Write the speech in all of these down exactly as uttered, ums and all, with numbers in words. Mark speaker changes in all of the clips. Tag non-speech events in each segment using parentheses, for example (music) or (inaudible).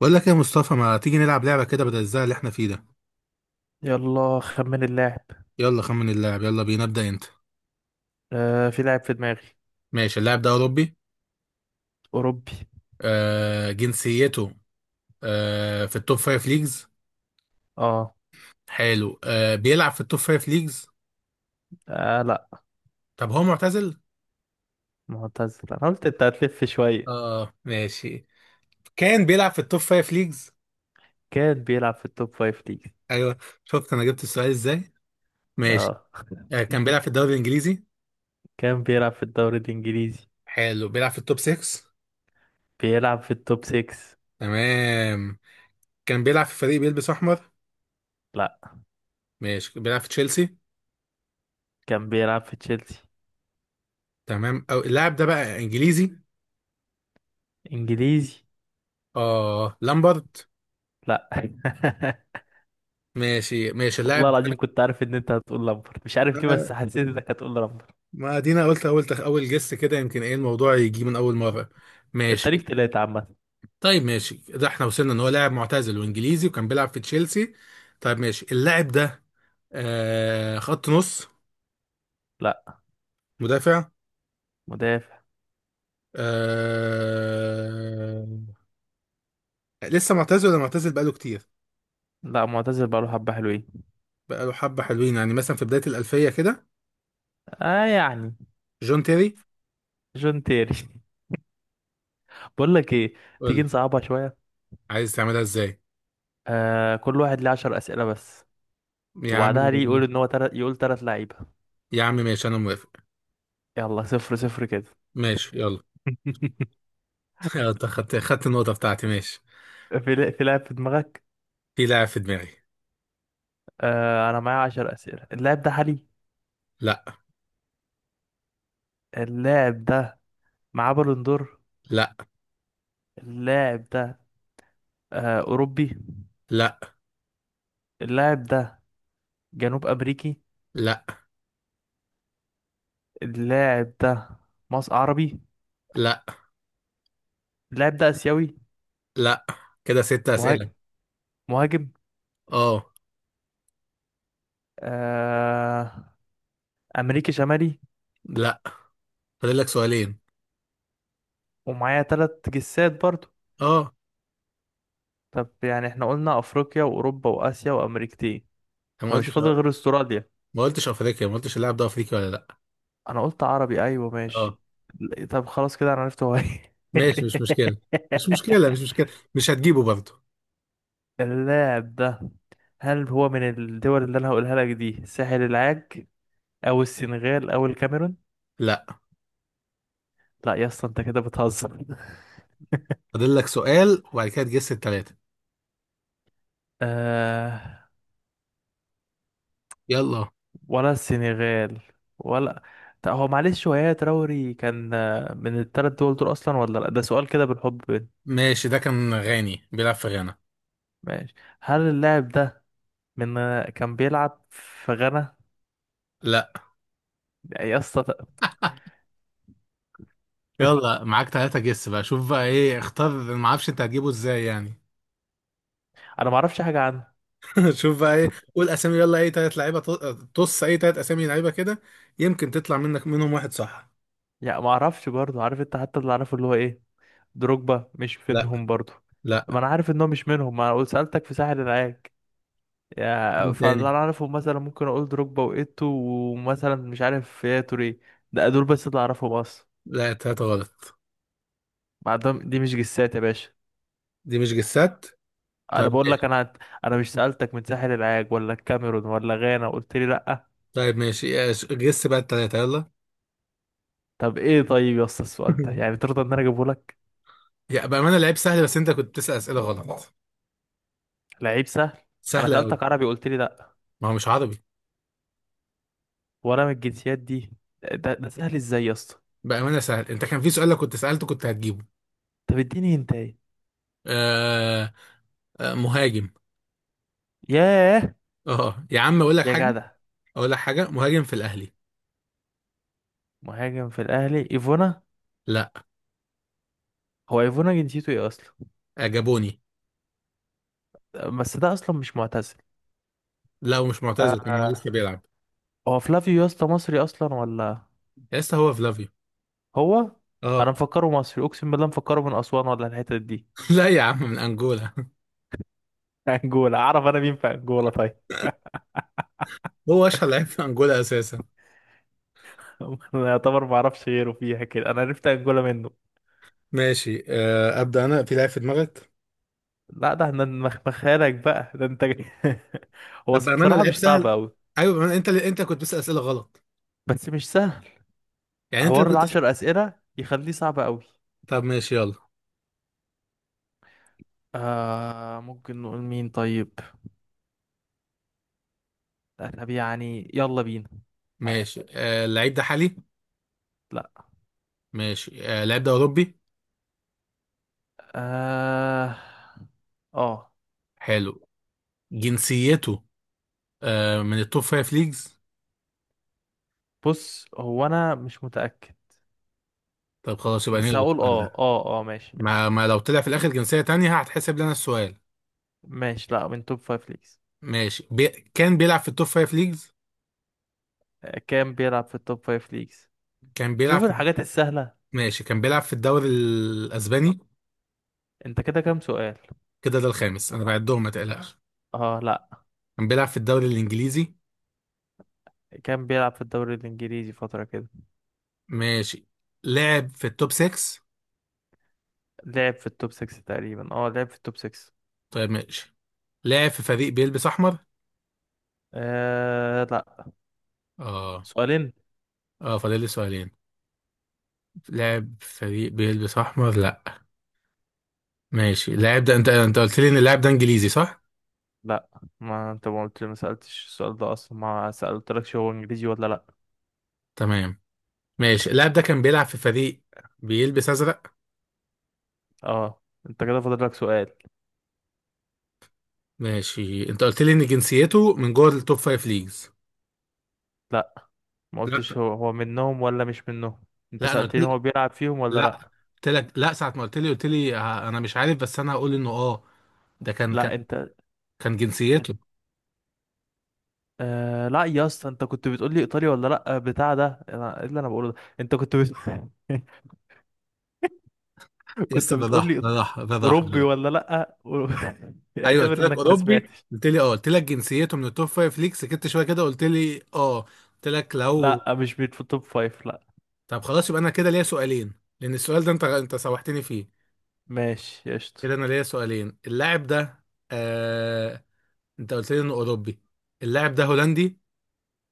Speaker 1: بقول لك يا مصطفى، ما تيجي نلعب لعبة كده بدل الزهق اللي احنا فيه ده؟
Speaker 2: يلا خمن اللاعب.
Speaker 1: يلا خمن اللاعب. يلا بينا، ابدأ انت.
Speaker 2: آه، في لاعب في دماغي.
Speaker 1: ماشي، اللاعب ده أوروبي.
Speaker 2: أوروبي.
Speaker 1: آه، جنسيته آه في التوب فايف ليجز.
Speaker 2: اه،
Speaker 1: حلو، آه بيلعب في التوب فايف ليجز.
Speaker 2: آه لا.
Speaker 1: طب هو معتزل؟
Speaker 2: معتزل، أنا قلت أنت هتلف شوية.
Speaker 1: اه ماشي. كان بيلعب في التوب فايف ليجز.
Speaker 2: كان بيلعب في التوب فايف ليج.
Speaker 1: ايوه. شفت انا جبت السؤال ازاي. ماشي.
Speaker 2: اه.
Speaker 1: آه كان بيلعب في
Speaker 2: (laughs)
Speaker 1: الدوري الانجليزي.
Speaker 2: كان بيلعب في الدوري الإنجليزي.
Speaker 1: حلو، بيلعب في التوب سكس.
Speaker 2: بيلعب في التوب ستة.
Speaker 1: تمام. كان بيلعب في فريق بيلبس احمر.
Speaker 2: لا.
Speaker 1: ماشي، بيلعب في تشيلسي.
Speaker 2: كان بيلعب في تشيلسي.
Speaker 1: تمام، او اللاعب ده بقى انجليزي.
Speaker 2: إنجليزي.
Speaker 1: اه، لامبارد.
Speaker 2: لا. (laughs)
Speaker 1: ماشي ماشي
Speaker 2: والله
Speaker 1: اللاعب
Speaker 2: العظيم كنت عارف إن أنت هتقول لامبر، مش عارف ليه،
Speaker 1: ده-
Speaker 2: بس حسيت إنك هتقول لامبر.
Speaker 1: ما ادينا قلت اول تخ... اول جس كده، يمكن ايه الموضوع يجي من اول مره.
Speaker 2: أنت ليك
Speaker 1: ماشي.
Speaker 2: تلاتة عامة.
Speaker 1: طيب ماشي، ده احنا وصلنا ان هو لاعب معتزل وانجليزي وكان بيلعب في تشيلسي. طيب ماشي اللاعب ده آه خط نص.
Speaker 2: لا.
Speaker 1: مدافع.
Speaker 2: مدافع.
Speaker 1: آه، لسه معتزل ولا معتزل بقاله كتير؟
Speaker 2: لا. معتزل بقاله حبة حلوين.
Speaker 1: بقاله حبة حلوين يعني، مثلا في بداية الألفية كده.
Speaker 2: اه، يعني.
Speaker 1: جون تيري.
Speaker 2: جون تيري. بقول لك ايه،
Speaker 1: قول
Speaker 2: تيجي
Speaker 1: لي،
Speaker 2: نصعبها شويه.
Speaker 1: عايز تعملها ازاي؟
Speaker 2: آه، كل واحد ليه عشر اسئله بس.
Speaker 1: يا عم.
Speaker 2: وبعدها ليه يقول ان هو تلت يقول تلات لعيبه.
Speaker 1: يا عم ماشي، أنا موافق.
Speaker 2: يلا صفر صفر كده.
Speaker 1: ماشي يلا.
Speaker 2: (laughs)
Speaker 1: يلا، انت خدت خدت النقطة بتاعتي. ماشي،
Speaker 2: في لا- في لاعب في دماغك.
Speaker 1: في لاعب في دماغي.
Speaker 2: آه، انا معايا عشر اسئله. اللاعب ده حالي.
Speaker 1: لا.
Speaker 2: اللاعب ده معاه بالون دور.
Speaker 1: لا.
Speaker 2: اللاعب ده آه اوروبي.
Speaker 1: لا.
Speaker 2: اللاعب ده جنوب امريكي.
Speaker 1: لا.
Speaker 2: اللاعب ده مصر عربي.
Speaker 1: لا.
Speaker 2: اللاعب ده اسيوي.
Speaker 1: لا. كده ست
Speaker 2: مهاج-
Speaker 1: أسئلة.
Speaker 2: مهاجم.
Speaker 1: اه.
Speaker 2: آه. امريكي شمالي.
Speaker 1: لا. فاضل لك سؤالين.
Speaker 2: ومعايا تلات جسات برضه.
Speaker 1: اه،
Speaker 2: طب يعني احنا قلنا افريقيا واوروبا واسيا وامريكتين،
Speaker 1: انا ما
Speaker 2: فمش
Speaker 1: قلتش،
Speaker 2: فاضل غير استراليا.
Speaker 1: ما قلتش افريقيا، ما قلتش اللاعب ده افريقي ولا لا.
Speaker 2: انا قلت عربي، ايوه ماشي.
Speaker 1: اه
Speaker 2: ل- طب خلاص، كده انا عرفت هو ايه.
Speaker 1: ماشي،
Speaker 2: (laughs)
Speaker 1: مش مشكلة. مش مشكلة مش مشكلة. مش هتجيبه برضه.
Speaker 2: اللاعب ده، هل هو من الدول اللي انا هقولها لك دي: ساحل العاج او السنغال او الكاميرون؟
Speaker 1: لا.
Speaker 2: لا يا اسطى، انت كده بتهزر. (laughs)
Speaker 1: فاضل لك سؤال وبعد كده تجس التلاتة.
Speaker 2: آه،
Speaker 1: يلا
Speaker 2: ولا السنغال ولا؟ طب هو، معلش، هو يا تراوري كان، آه، من الثلاث دول دول اصلا ولا لا؟ ده سؤال كده بالحب.
Speaker 1: ماشي، ده كان غاني بيلعب في غانا.
Speaker 2: ماشي. هل اللاعب ده من كان بيلعب في غانا؟
Speaker 1: لا.
Speaker 2: يا اسطى ت- (laughs)
Speaker 1: يلا، معاك تلاتة جس بقى، شوف بقى ايه اختار. ما اعرفش انت هتجيبه ازاي يعني.
Speaker 2: انا ما اعرفش حاجه عنه.
Speaker 1: (laughs) شوف بقى ايه، قول اسامي، يلا اي تلات لعيبه ط- طص اي تلات اسامي لعيبه كده، يمكن تطلع منك منهم واحد صح.
Speaker 2: يعني ما اعرفش برضه، عارف انت، حتى اللي اعرفه اللي هو ايه، دروجبا مش
Speaker 1: لا.
Speaker 2: منهم برضه؟
Speaker 1: لا.
Speaker 2: ما انا عارف ان هو مش منهم، ما انا سالتك في ساحل العاج. يا
Speaker 1: مين
Speaker 2: فاللي
Speaker 1: تاني؟
Speaker 2: انا اعرفه مثلا ممكن اقول دروجبا وايتو، ومثلا مش عارف يا توري. ده دول بس اللي اعرفهم اصلا.
Speaker 1: لا تلاتة غلط.
Speaker 2: بعدهم دي مش جسات يا باشا.
Speaker 1: دي مش جسات.
Speaker 2: انا
Speaker 1: طيب
Speaker 2: بقول لك
Speaker 1: ماشي.
Speaker 2: انا. انا مش سالتك من ساحل العاج ولا الكاميرون ولا غانا وقلت لي لا؟
Speaker 1: طيب ماشي إيه، جس بقى التلاتة يلا.
Speaker 2: طب ايه، طيب يا اسطى السؤال ده
Speaker 1: (laughs)
Speaker 2: يعني ترضى ان انا اجيبه لك؟
Speaker 1: يا بأمانة لعيب سهل، بس انت كنت بتسأل أسئلة غلط.
Speaker 2: لعيب سهل! انا
Speaker 1: سهلة قوي.
Speaker 2: سألتك عربي قلت لي لا،
Speaker 1: ما هو مش عربي.
Speaker 2: وانا من الجنسيات دي. ده, ده سهل ازاي يا اسطى؟
Speaker 1: بأمانة سهل، انت كان في سؤال لو كنت سألته كنت هتجيبه.
Speaker 2: طب اديني انت ايه.
Speaker 1: آه. آه، مهاجم.
Speaker 2: ياه.
Speaker 1: اه يا عم، اقول لك
Speaker 2: يا
Speaker 1: حاجة.
Speaker 2: جدع.
Speaker 1: اقول لك حاجة، مهاجم في الأهلي.
Speaker 2: مهاجم في الاهلي، ايفونا؟
Speaker 1: لا.
Speaker 2: هو ايفونا جنسيته ايه اصلا؟
Speaker 1: آه، جابوني.
Speaker 2: بس ده اصلا مش معتزل.
Speaker 1: لا، ومش معتزل كمان، هو
Speaker 2: آه.
Speaker 1: لسه بيلعب.
Speaker 2: هو فلافيو يا اسطى مصري اصلا ولا؟
Speaker 1: لسه، هو فلافيو.
Speaker 2: هو؟
Speaker 1: اه.
Speaker 2: انا مفكره مصري، اقسم بالله مفكره من اسوان ولا الحتت دي.
Speaker 1: (laughs) لا يا عم، من انجولا.
Speaker 2: (laughs) انجولا! اعرف انا مين في انجولا طيب؟
Speaker 1: هو اشهر لعيب في انجولا اساسا.
Speaker 2: (laughs) انا يعتبر ما اعرفش غيره فيها. كده انا عرفت انجولا منه.
Speaker 1: ماشي. آه، ابدا، انا في لعيب في دماغك.
Speaker 2: لا ده احنا مخمخالك بقى ده انت جاي. (laughs) هو
Speaker 1: طب بامانه
Speaker 2: بصراحة
Speaker 1: لعيب
Speaker 2: مش صعب
Speaker 1: سهل.
Speaker 2: أوي،
Speaker 1: ايوه بامانه، انت اللي انت كنت بتسال اسئله غلط.
Speaker 2: بس مش سهل.
Speaker 1: يعني انت اللي
Speaker 2: حوار
Speaker 1: كنت.
Speaker 2: العشر أسئلة يخليه صعب أوي.
Speaker 1: طب ماشي يلا.
Speaker 2: آه، ممكن نقول مين طيب. طب يعني يلا بينا.
Speaker 1: ماشي. آه، اللعيب ده حالي.
Speaker 2: لا.
Speaker 1: ماشي. آه، اللعيب ده اوروبي.
Speaker 2: اه، اه.
Speaker 1: حلو. جنسيته آه، من التوب فايف ليجز.
Speaker 2: بص، هو أنا مش متأكد،
Speaker 1: طب خلاص يبقى
Speaker 2: بس
Speaker 1: نلغي
Speaker 2: هقول
Speaker 1: السؤال
Speaker 2: اه
Speaker 1: ده.
Speaker 2: اه اه، ماشي
Speaker 1: ما,
Speaker 2: ماشي.
Speaker 1: ما لو طلع في الاخر جنسيه تانية هتحسب لنا السؤال.
Speaker 2: ماشي. لا، من توب فايف ليجز.
Speaker 1: ماشي بي... كان بيلعب في التوب فايف ليجز.
Speaker 2: آه، كام بيلعب في التوب فايف ليجز.
Speaker 1: كان
Speaker 2: شوف
Speaker 1: بيلعب في.
Speaker 2: الحاجات السهلة.
Speaker 1: ماشي كان بيلعب في الدوري الاسباني.
Speaker 2: انت كده كام سؤال؟
Speaker 1: كده ده الخامس، انا بعدهم ما تقلقش.
Speaker 2: اه لا.
Speaker 1: كان بيلعب في الدوري الانجليزي.
Speaker 2: كان بيلعب في الدوري الانجليزي فترة كده.
Speaker 1: ماشي. لعب في التوب سكس.
Speaker 2: لعب في التوب ستة تقريبا، اه لعب في التوب ستة.
Speaker 1: طيب ماشي. لعب في فريق بيلبس احمر.
Speaker 2: آه لا.
Speaker 1: اه.
Speaker 2: سؤالين.
Speaker 1: اه فاضل لي سؤالين. لعب في فريق بيلبس احمر لا. ماشي اللاعب ده، انت انت قلت لي ان اللاعب ده انجليزي صح؟
Speaker 2: لا، ما انت ما قلت ما سألتش السؤال ده اصلا، ما سألتلكش هو انجليزي ولا لا.
Speaker 1: تمام. ماشي اللاعب ده كان بيلعب في فريق بيلبس ازرق.
Speaker 2: اه. انت كده فاضل لك سؤال.
Speaker 1: ماشي، انت قلت لي ان جنسيته من جوه التوب فايف ليجز.
Speaker 2: لا، ما
Speaker 1: لا.
Speaker 2: قلتش هو هو منهم ولا مش منهم. انت
Speaker 1: لا انا
Speaker 2: سألتني
Speaker 1: قلت،
Speaker 2: هو بيلعب فيهم ولا
Speaker 1: لا
Speaker 2: لا.
Speaker 1: قلت لك لا ساعة ما قلت لي. قلت لي ه- انا مش عارف، بس انا هقول انه اه ده كان كان
Speaker 2: لا انت.
Speaker 1: كان جنسيته.
Speaker 2: آه لا يا اسطى، انت كنت بتقول لي ايطاليا ولا لا بتاع ده. أنا- ايه اللي انا بقوله ده، انت كنت بت... (laughs) كنت
Speaker 1: لسه، ده
Speaker 2: بتقول
Speaker 1: ضحى
Speaker 2: لي
Speaker 1: ده
Speaker 2: إيط-
Speaker 1: ضحى ده ضحى ده
Speaker 2: اوروبي
Speaker 1: ضحى.
Speaker 2: ولا لا و- (laughs)
Speaker 1: ايوه قلت
Speaker 2: اعتبر
Speaker 1: لك
Speaker 2: انك ما
Speaker 1: اوروبي،
Speaker 2: سمعتش.
Speaker 1: قلت لي اه. قلت لك جنسيته من التوب فايف ليك، سكت شويه كده قلت لي اه، قلت لك لو.
Speaker 2: لا، مش بيت في التوب فايف لا.
Speaker 1: طب خلاص يبقى انا كده ليا سؤالين، لان السؤال ده انت انت سوحتني فيه.
Speaker 2: ماشي قشطة.
Speaker 1: كده انا ليا سؤالين. اللاعب ده آه، انت قلت لي انه اوروبي. اللاعب ده هولندي.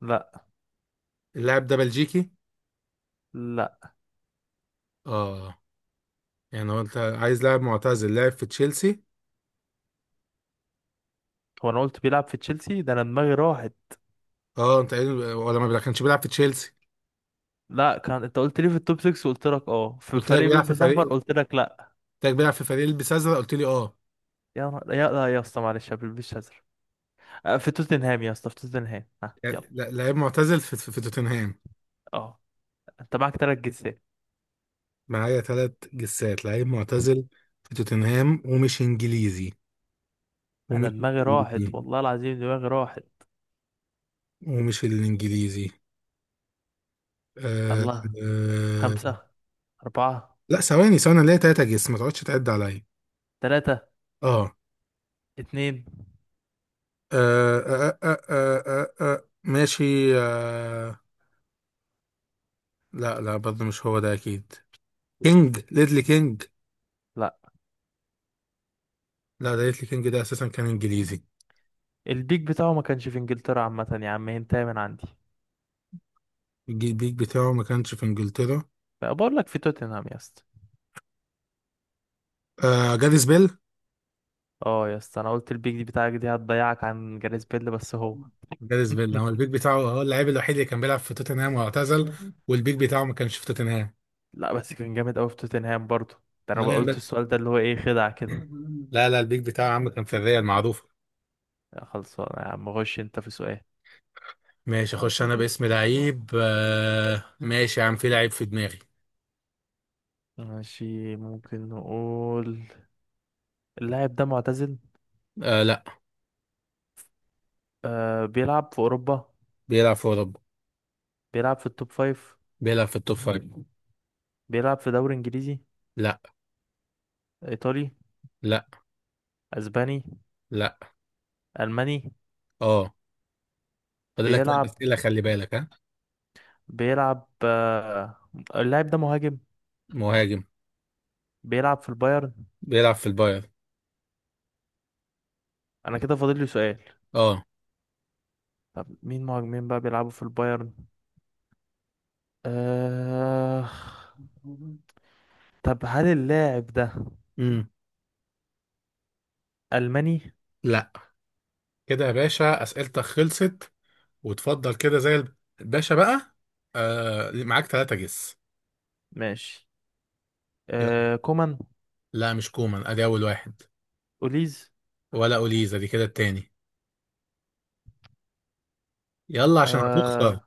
Speaker 2: لا،
Speaker 1: اللاعب ده بلجيكي.
Speaker 2: لا.
Speaker 1: اه، يعني هو انت عايز لاعب معتزل لاعب في تشيلسي.
Speaker 2: هو انا قلت بيلعب في تشيلسي؟ ده انا دماغي راحت.
Speaker 1: اه، انت قايل ولا ما كانش بيلعب في تشيلسي؟
Speaker 2: لا، كان انت قلت لي في التوب ستة، قلت لك اه، في
Speaker 1: قلت لك
Speaker 2: فريق
Speaker 1: بيلعب في
Speaker 2: بيلبس
Speaker 1: فريق،
Speaker 2: احمر،
Speaker 1: قلت
Speaker 2: قلت لك لا.
Speaker 1: لك بيلعب في فريق البس ازرق قلت لي اه.
Speaker 2: يا نهار- يا لا يا اسطى، معلش، ما بيلبسش ازرق. آه، في توتنهام يا اسطى، في توتنهام. ها
Speaker 1: يعني
Speaker 2: يلا.
Speaker 1: لا- لعيب معتزل في, في, في توتنهام.
Speaker 2: اه. انت معاك تلات جنسيات.
Speaker 1: معايا ثلاث جسات، لعيب معتزل في توتنهام ومش انجليزي،
Speaker 2: انا
Speaker 1: ومش
Speaker 2: دماغي راحت،
Speaker 1: انجليزي
Speaker 2: والله العظيم دماغي راحت.
Speaker 1: ومش الانجليزي. آه.
Speaker 2: الله.
Speaker 1: آه.
Speaker 2: خمسة. أربعة.
Speaker 1: لا ثواني ثواني، ليه ثلاثة جس؟ ما تقعدش تعد عليا.
Speaker 2: تلاتة.
Speaker 1: اه.
Speaker 2: اتنين.
Speaker 1: آه آه آه آه آه آه. آه، ماشي. آه. لا لا، برضه مش هو ده اكيد. كينج ليدلي كينج.
Speaker 2: لا.
Speaker 1: لا، ده ليتلي كينج ده اساسا كان انجليزي.
Speaker 2: البيك بتاعه ما كانش في انجلترا عامة يا عم، انت من عندي.
Speaker 1: الجي- البيك بتاعه ما كانش في انجلترا.
Speaker 2: بقول لك في توتنهام يا اسطى.
Speaker 1: آه جاريث بيل.
Speaker 2: اه يا اسطى، انا قلت البيك دي بتاعك دي هتضيعك عن جاريث بيل، بس هو.
Speaker 1: جاريث بيل، هو البيك
Speaker 2: (laughs)
Speaker 1: بتاعه هو اللاعب الوحيد اللي كان بيلعب في توتنهام واعتزل. والبيك بتاعه ما كانش في توتنهام.
Speaker 2: لا بس كان جامد قوي في توتنهام برضه. ده
Speaker 1: لا
Speaker 2: انا
Speaker 1: يا
Speaker 2: قلت
Speaker 1: عم-
Speaker 2: السؤال ده اللي هو ايه، خدعة كده.
Speaker 1: لا لا، البيك بتاعه يا عم كان في الريال معروف.
Speaker 2: يا خلصان يا عم، غش انت في سؤال.
Speaker 1: ماشي اخش انا باسم لعيب. آه ماشي يا عم، في لعيب في دماغي.
Speaker 2: ماشي. ممكن نقول. اللاعب ده معتزل.
Speaker 1: آه لا.
Speaker 2: آه، بيلعب في اوروبا.
Speaker 1: بيلعب في اوروبا.
Speaker 2: بيلعب في التوب فايف.
Speaker 1: بيلعب في التوب فايف.
Speaker 2: بيلعب في دوري انجليزي.
Speaker 1: لا.
Speaker 2: ايطالي.
Speaker 1: لا.
Speaker 2: اسباني.
Speaker 1: لا.
Speaker 2: الماني.
Speaker 1: اه. فاضل لك ثلاث
Speaker 2: بيلعب
Speaker 1: اسئله، خلي بالك ها.
Speaker 2: بيلعب آه اللاعب ده مهاجم.
Speaker 1: مهاجم.
Speaker 2: بيلعب في البايرن.
Speaker 1: بيلعب في البايرن.
Speaker 2: انا كده فاضل لي سؤال.
Speaker 1: اه.
Speaker 2: طب مين مهاجمين بقى بيلعبوا في البايرن؟ آه... طب هل اللاعب ده
Speaker 1: امم.
Speaker 2: ألماني؟
Speaker 1: لا. كده يا باشا اسئلتك خلصت، وتفضل كده زي الباشا بقى. آه، معاك ثلاثة جس.
Speaker 2: ماشي.
Speaker 1: يلا.
Speaker 2: آه... كومان.
Speaker 1: لا مش كومان، ادي اول واحد.
Speaker 2: أوليز.
Speaker 1: ولا اوليزا دي كده التاني. يلا عشان هتخسر.
Speaker 2: آه...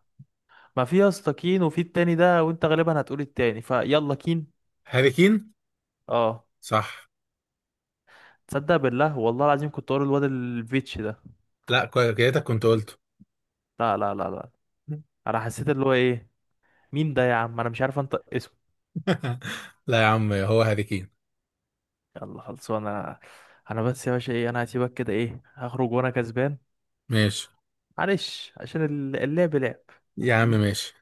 Speaker 2: ما في يا اسطى كين، وفي التاني ده، وانت غالبا هتقول التاني فيلا كين.
Speaker 1: هاري كين.
Speaker 2: اه.
Speaker 1: صح.
Speaker 2: تصدق بالله، والله العظيم كنت اقول الواد الفيتش ده.
Speaker 1: لا كوي- كده كنت قلته.
Speaker 2: لا لا لا لا. انا حسيت اللي هو ايه، مين ده يا عم، انا مش عارف انطق اسمه.
Speaker 1: (laughs) لا يا عم، هو هاري كين.
Speaker 2: يلا خلصانه انا. انا بس يا باشا ايه، انا هسيبك كده، ايه، هخرج وانا كسبان.
Speaker 1: ماشي
Speaker 2: معلش عشان ال- اللعب لعب.
Speaker 1: يا عم ماشي.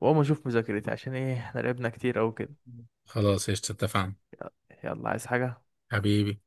Speaker 2: واقوم اشوف مذاكرتي، عشان ايه احنا لعبنا كتير اوي كده.
Speaker 1: خلاص قشطة، اتفقنا.
Speaker 2: يلا عايز حاجة؟
Speaker 1: حبيبي.